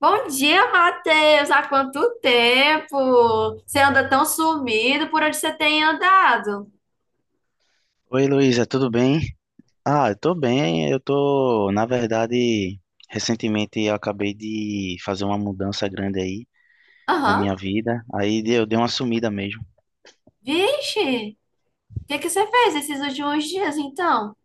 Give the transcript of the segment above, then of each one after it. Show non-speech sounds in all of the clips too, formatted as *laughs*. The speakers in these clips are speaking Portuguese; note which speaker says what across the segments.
Speaker 1: Bom dia, Matheus! Há quanto tempo? Você anda tão sumido, por onde você tem andado?
Speaker 2: Oi, Luísa, tudo bem? Ah, eu tô bem. Eu tô, na verdade, recentemente eu acabei de fazer uma mudança grande aí na
Speaker 1: Aham.
Speaker 2: minha vida. Aí eu dei uma sumida mesmo.
Speaker 1: Vixe! O que que você fez esses últimos dias, então?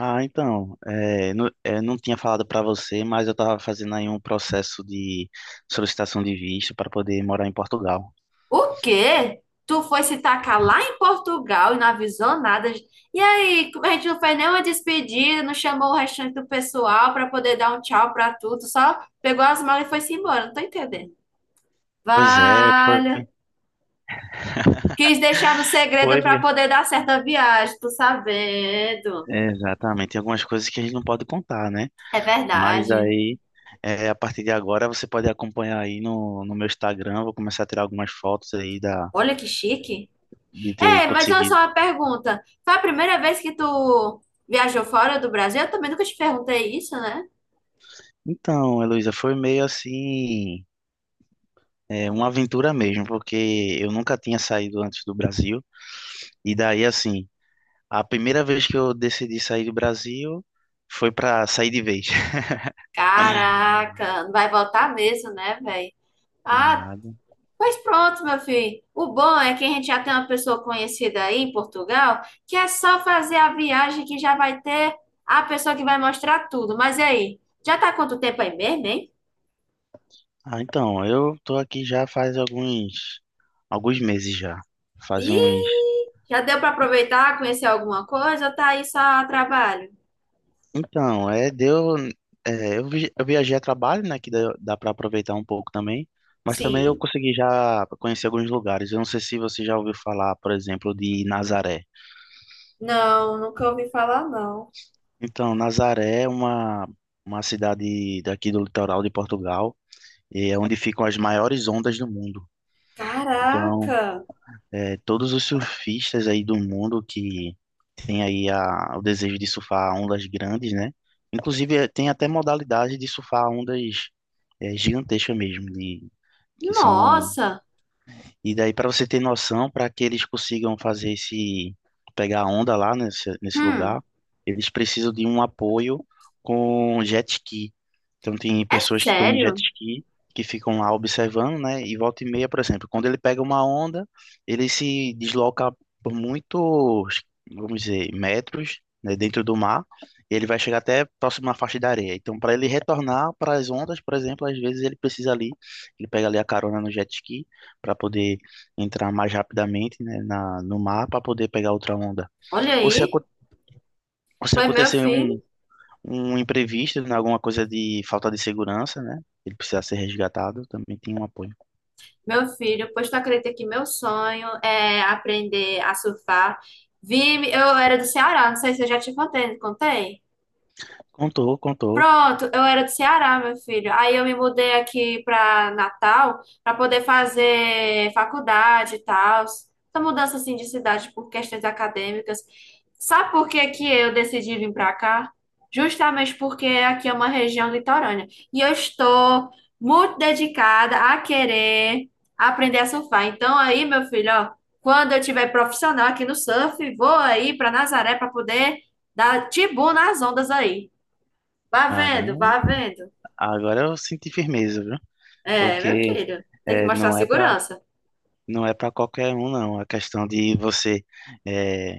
Speaker 2: Ah, então, eu não tinha falado pra você, mas eu tava fazendo aí um processo de solicitação de visto para poder morar em Portugal.
Speaker 1: O quê? Tu foi se tacar lá em Portugal e não avisou nada? E aí, como a gente não fez nenhuma despedida, não chamou o restante do pessoal para poder dar um tchau para tudo, só pegou as malas e foi-se embora, não tô entendendo.
Speaker 2: Pois é, foi,
Speaker 1: Vale! Quis deixar no segredo
Speaker 2: foi,
Speaker 1: para poder dar certa viagem, tô sabendo.
Speaker 2: exatamente. Tem algumas coisas que a gente não pode contar, né?
Speaker 1: É
Speaker 2: Mas
Speaker 1: verdade.
Speaker 2: aí, é, a partir de agora, você pode acompanhar aí no meu Instagram. Vou começar a tirar algumas fotos aí
Speaker 1: Olha que chique.
Speaker 2: de ter
Speaker 1: É, mas olha só
Speaker 2: conseguido.
Speaker 1: uma pergunta. Foi a primeira vez que tu viajou fora do Brasil? Eu também nunca te perguntei isso, né?
Speaker 2: Então, Heloísa, foi meio assim, é, uma aventura mesmo, porque eu nunca tinha saído antes do Brasil. E daí, assim, a primeira vez que eu decidi sair do Brasil foi para sair de vez. *laughs*
Speaker 1: Caraca, não vai voltar mesmo, né, velho? Ah,
Speaker 2: Nada.
Speaker 1: pois pronto, meu filho. O bom é que a gente já tem uma pessoa conhecida aí em Portugal, que é só fazer a viagem que já vai ter a pessoa que vai mostrar tudo. Mas e aí? Já tá há quanto tempo aí mesmo, hein?
Speaker 2: Ah, então, eu tô aqui já faz alguns meses já. Faz uns
Speaker 1: Ih, já deu pra aproveitar, conhecer alguma coisa ou tá aí só a trabalho?
Speaker 2: Então, é, deu, é, eu, vi- eu viajei a trabalho, né, que dá para aproveitar um pouco também, mas também eu
Speaker 1: Sim.
Speaker 2: consegui já conhecer alguns lugares. Eu não sei se você já ouviu falar, por exemplo, de Nazaré.
Speaker 1: Não, nunca ouvi falar, não.
Speaker 2: Então, Nazaré é uma cidade daqui do litoral de Portugal, e é onde ficam as maiores ondas do mundo. Então,
Speaker 1: Caraca!
Speaker 2: é, todos os surfistas aí do mundo que tem aí o desejo de surfar ondas grandes, né? Inclusive, tem até modalidade de surfar ondas gigantescas mesmo, de, que são
Speaker 1: Nossa!
Speaker 2: e daí, para você ter noção, para que eles consigam fazer esse, pegar a onda lá nesse
Speaker 1: Hum,
Speaker 2: lugar, eles precisam de um apoio com jet ski. Então, tem
Speaker 1: é
Speaker 2: pessoas que estão no jet
Speaker 1: sério?
Speaker 2: ski, que ficam lá observando, né? E volta e meia, por exemplo, quando ele pega uma onda, ele se desloca por muitos, vamos dizer, metros, né, dentro do mar, e ele vai chegar até próximo à faixa da areia. Então, para ele retornar para as ondas, por exemplo, às vezes ele precisa ali, ele pega ali a carona no jet ski para poder entrar mais rapidamente, né, no mar para poder pegar outra onda.
Speaker 1: Olha
Speaker 2: Ou se,
Speaker 1: aí.
Speaker 2: aco- ou se
Speaker 1: Foi meu
Speaker 2: acontecer um,
Speaker 1: filho.
Speaker 2: um imprevisto, né, alguma coisa de falta de segurança, né? Ele precisar ser resgatado, também tem um apoio.
Speaker 1: Meu filho, pois tu acredita que meu sonho é aprender a surfar? Vi, eu era do Ceará, não sei se eu já te contei, não contei?
Speaker 2: Contou, contou.
Speaker 1: Pronto, eu era do Ceará, meu filho. Aí eu me mudei aqui para Natal para poder fazer faculdade e tal. Essa mudança assim de cidade por questões acadêmicas. Sabe por que que eu decidi vir para cá? Justamente porque aqui é uma região litorânea e eu estou muito dedicada a querer aprender a surfar. Então aí, meu filho, ó, quando eu tiver profissional aqui no surf, vou aí para Nazaré para poder dar tibu nas ondas aí. Vá vendo,
Speaker 2: Arão,
Speaker 1: vá vendo.
Speaker 2: agora eu senti firmeza, viu?
Speaker 1: É, meu
Speaker 2: Porque
Speaker 1: filho, tem que
Speaker 2: é,
Speaker 1: mostrar
Speaker 2: não é para
Speaker 1: segurança.
Speaker 2: não é para qualquer um, não. A questão de você é,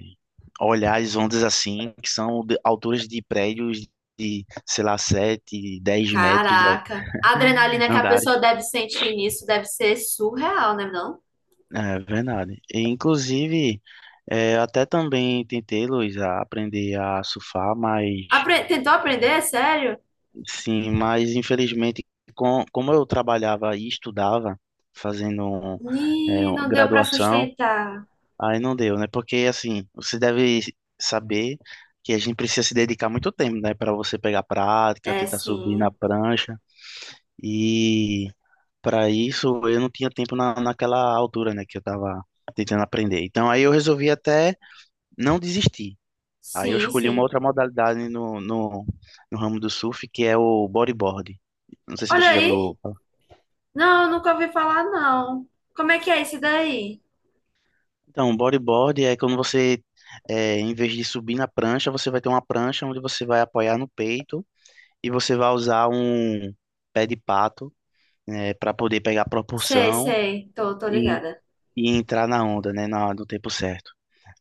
Speaker 2: olhar as ondas assim, que são de alturas de prédios de, sei lá, 7 10 metros de altura,
Speaker 1: Caraca, a adrenalina que a
Speaker 2: andares.
Speaker 1: pessoa deve sentir nisso deve ser surreal, né, não?
Speaker 2: É verdade. E, inclusive, eu até também tentei, Luiz, a aprender a surfar, mas
Speaker 1: Apre- Tentou aprender, sério?
Speaker 2: sim, mas infelizmente, como eu trabalhava e estudava, fazendo
Speaker 1: Ih, não deu pra
Speaker 2: graduação,
Speaker 1: sustentar.
Speaker 2: aí não deu, né? Porque assim, você deve saber que a gente precisa se dedicar muito tempo, né? Para você pegar prática,
Speaker 1: É,
Speaker 2: tentar subir na
Speaker 1: sim.
Speaker 2: prancha. E para isso eu não tinha tempo naquela altura, né, que eu tava tentando aprender. Então aí eu resolvi até não desistir. Aí eu
Speaker 1: Sim,
Speaker 2: escolhi uma
Speaker 1: sim.
Speaker 2: outra modalidade no ramo do surf, que é o bodyboard. Não sei se
Speaker 1: Olha
Speaker 2: você já viu
Speaker 1: aí.
Speaker 2: falar.
Speaker 1: Não, nunca ouvi falar, não. Como é que é isso daí?
Speaker 2: Então, bodyboard é quando você, em vez de subir na prancha, você vai ter uma prancha onde você vai apoiar no peito e você vai usar um pé de pato, né, para poder pegar
Speaker 1: Sei,
Speaker 2: propulsão.
Speaker 1: sei. Tô, tô
Speaker 2: E
Speaker 1: ligada.
Speaker 2: e entrar na onda, né, no tempo certo.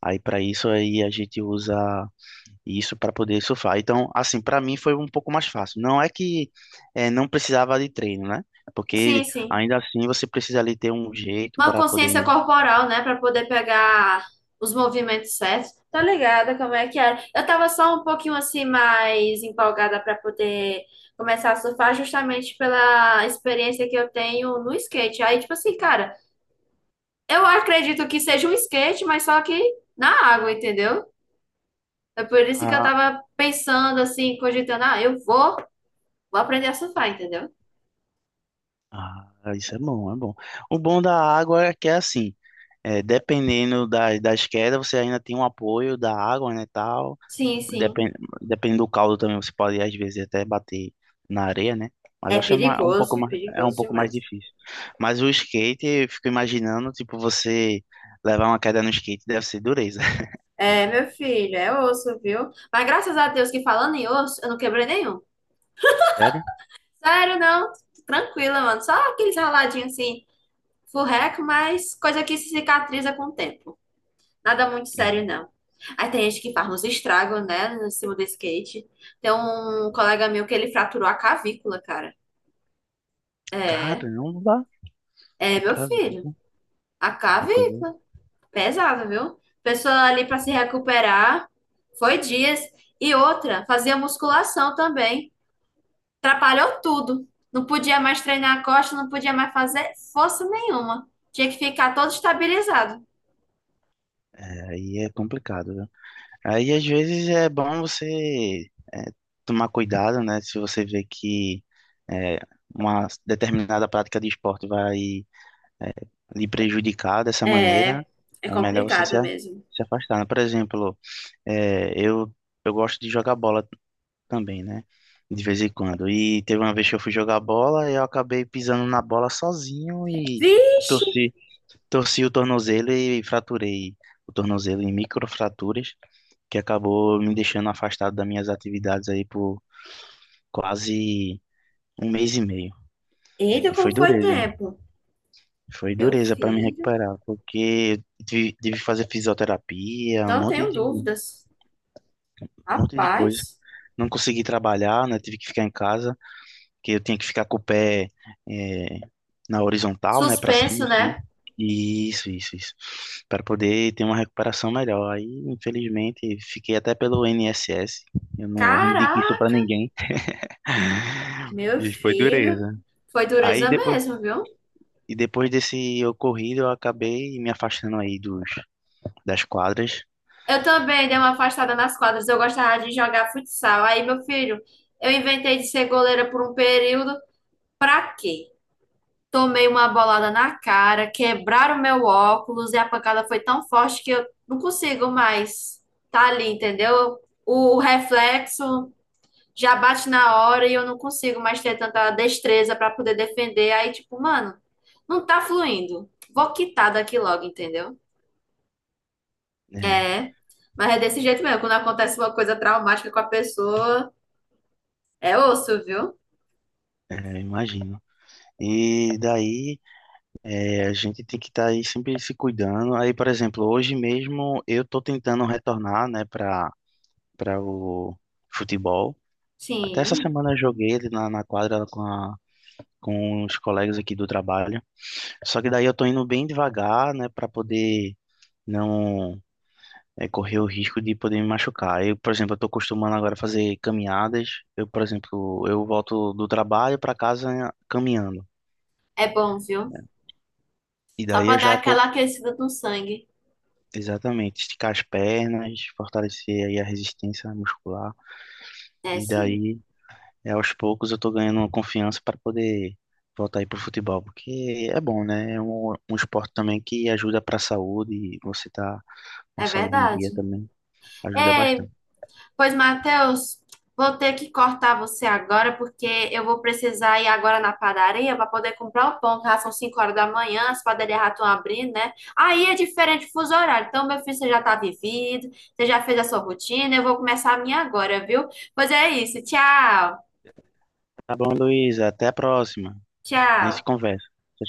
Speaker 2: Aí para isso aí a gente usa isso para poder surfar. Então, assim, para mim foi um pouco mais fácil. Não é que não precisava de treino, né?
Speaker 1: Sim,
Speaker 2: Porque
Speaker 1: sim.
Speaker 2: ainda assim você precisa ali ter um jeito
Speaker 1: Uma
Speaker 2: para
Speaker 1: consciência
Speaker 2: poder.
Speaker 1: corporal, né, para poder pegar os movimentos certos. Tá ligada como é que era? Eu tava só um pouquinho assim mais empolgada para poder começar a surfar justamente pela experiência que eu tenho no skate. Aí, tipo assim, cara, eu acredito que seja um skate, mas só que na água, entendeu? É por isso que eu
Speaker 2: Ah,
Speaker 1: tava pensando assim, cogitando, ah, eu vou, vou aprender a surfar, entendeu?
Speaker 2: ah, isso é bom, é bom. O bom da água é que é assim, dependendo das quedas, você ainda tem um apoio da água, né, tal.
Speaker 1: Sim, sim.
Speaker 2: Depende, dependendo do caldo também, você pode às vezes até bater na areia, né? Mas
Speaker 1: É
Speaker 2: acho que um pouco
Speaker 1: perigoso,
Speaker 2: mais, é um
Speaker 1: perigoso
Speaker 2: pouco mais
Speaker 1: demais.
Speaker 2: difícil. Mas o skate, eu fico imaginando, tipo, você levar uma queda no skate deve ser dureza. *laughs*
Speaker 1: É, meu filho, é osso, viu? Mas graças a Deus que falando em osso, eu não quebrei nenhum.
Speaker 2: Sério?
Speaker 1: Sério, não. Tranquila, mano. Só aqueles raladinhos assim, furreco, mas coisa que se cicatriza com o tempo. Nada muito sério, não. Aí tem gente que faz uns estragos, né, no cima do skate. Tem um colega meu que ele fraturou a cavícula, cara. É,
Speaker 2: Caramba,
Speaker 1: é, meu filho.
Speaker 2: acredito.
Speaker 1: A
Speaker 2: A
Speaker 1: cavícula
Speaker 2: coisa...
Speaker 1: pesada, viu? Pessoa ali pra se recuperar. Foi dias. E outra, fazia musculação também. Atrapalhou tudo. Não podia mais treinar a costa, não podia mais fazer força nenhuma. Tinha que ficar todo estabilizado.
Speaker 2: Aí é complicado, viu? Aí às vezes é bom você tomar cuidado, né? Se você vê que é, uma determinada prática de esporte vai é, lhe prejudicar dessa maneira,
Speaker 1: É, é
Speaker 2: é melhor você
Speaker 1: complicado mesmo.
Speaker 2: se afastar, né? Por exemplo, é, eu, eu gosto de jogar bola também, né? De vez em quando. E teve uma vez que eu fui jogar bola e eu acabei pisando na bola sozinho e
Speaker 1: Vixe!
Speaker 2: torci, torci o tornozelo e fraturei o tornozelo em microfraturas, que acabou me deixando afastado das minhas atividades aí por quase um mês e meio.
Speaker 1: Eita,
Speaker 2: E foi
Speaker 1: como foi
Speaker 2: dureza.
Speaker 1: tempo.
Speaker 2: Foi
Speaker 1: Meu
Speaker 2: dureza para me
Speaker 1: filho,
Speaker 2: recuperar, porque eu tive que fazer fisioterapia,
Speaker 1: não tenho
Speaker 2: um
Speaker 1: dúvidas.
Speaker 2: monte de coisa.
Speaker 1: Rapaz,
Speaker 2: Não consegui trabalhar, né? Tive que ficar em casa, porque eu tinha que ficar com o pé eh, na horizontal, né? Para cima,
Speaker 1: suspenso,
Speaker 2: assim.
Speaker 1: né?
Speaker 2: Isso, isso, isso. Para poder ter uma recuperação melhor. Aí, infelizmente, fiquei até pelo INSS. Eu não indico isso para
Speaker 1: Caraca,
Speaker 2: ninguém.
Speaker 1: meu
Speaker 2: E foi
Speaker 1: filho,
Speaker 2: dureza.
Speaker 1: foi
Speaker 2: Aí
Speaker 1: dureza
Speaker 2: depois,
Speaker 1: mesmo, viu?
Speaker 2: e depois desse ocorrido, eu acabei me afastando aí das quadras,
Speaker 1: Eu também dei uma afastada nas quadras. Eu gostava de jogar futsal. Aí, meu filho, eu inventei de ser goleira por um período. Pra quê? Tomei uma bolada na cara, quebraram meu óculos e a pancada foi tão forte que eu não consigo mais tá ali, entendeu? O reflexo já bate na hora e eu não consigo mais ter tanta destreza para poder defender. Aí, tipo, mano, não tá fluindo. Vou quitar daqui logo, entendeu?
Speaker 2: né?
Speaker 1: É, mas é desse jeito mesmo. Quando acontece uma coisa traumática com a pessoa, é osso, viu?
Speaker 2: É, imagino. E daí a gente tem que estar aí sempre se cuidando. Aí, por exemplo, hoje mesmo eu tô tentando retornar, né, para o futebol. Até essa
Speaker 1: Sim,
Speaker 2: semana eu joguei ali na quadra com com os colegas aqui do trabalho. Só que daí eu tô indo bem devagar, né, para poder não correr o risco de poder me machucar. Eu, por exemplo, eu tô acostumando agora a fazer caminhadas. Eu, por exemplo, eu volto do trabalho para casa caminhando.
Speaker 1: é bom, viu?
Speaker 2: E
Speaker 1: Só
Speaker 2: daí
Speaker 1: pra
Speaker 2: eu
Speaker 1: dar
Speaker 2: já tô,
Speaker 1: aquela aquecida no sangue.
Speaker 2: exatamente, esticar as pernas, fortalecer aí a resistência muscular.
Speaker 1: É,
Speaker 2: E
Speaker 1: sim.
Speaker 2: daí, aos poucos, eu tô ganhando uma confiança para poder voltar aí pro futebol, porque é bom, né? É um esporte também que ajuda para a saúde, e você tá com a
Speaker 1: É
Speaker 2: saúde em dia
Speaker 1: verdade.
Speaker 2: também, ajuda
Speaker 1: Ei,
Speaker 2: bastante.
Speaker 1: pois, Matheus, vou ter que cortar você agora, porque eu vou precisar ir agora na padaria para poder comprar o pão, que já são 5 horas da manhã, as padarias já estão abrindo, né? Aí é diferente o fuso horário. Então, meu filho, você já está vivido, você já fez a sua rotina, eu vou começar a minha agora, viu? Pois é isso. Tchau,
Speaker 2: Tá bom, Luiz, até a próxima. A gente
Speaker 1: tchau.
Speaker 2: conversa.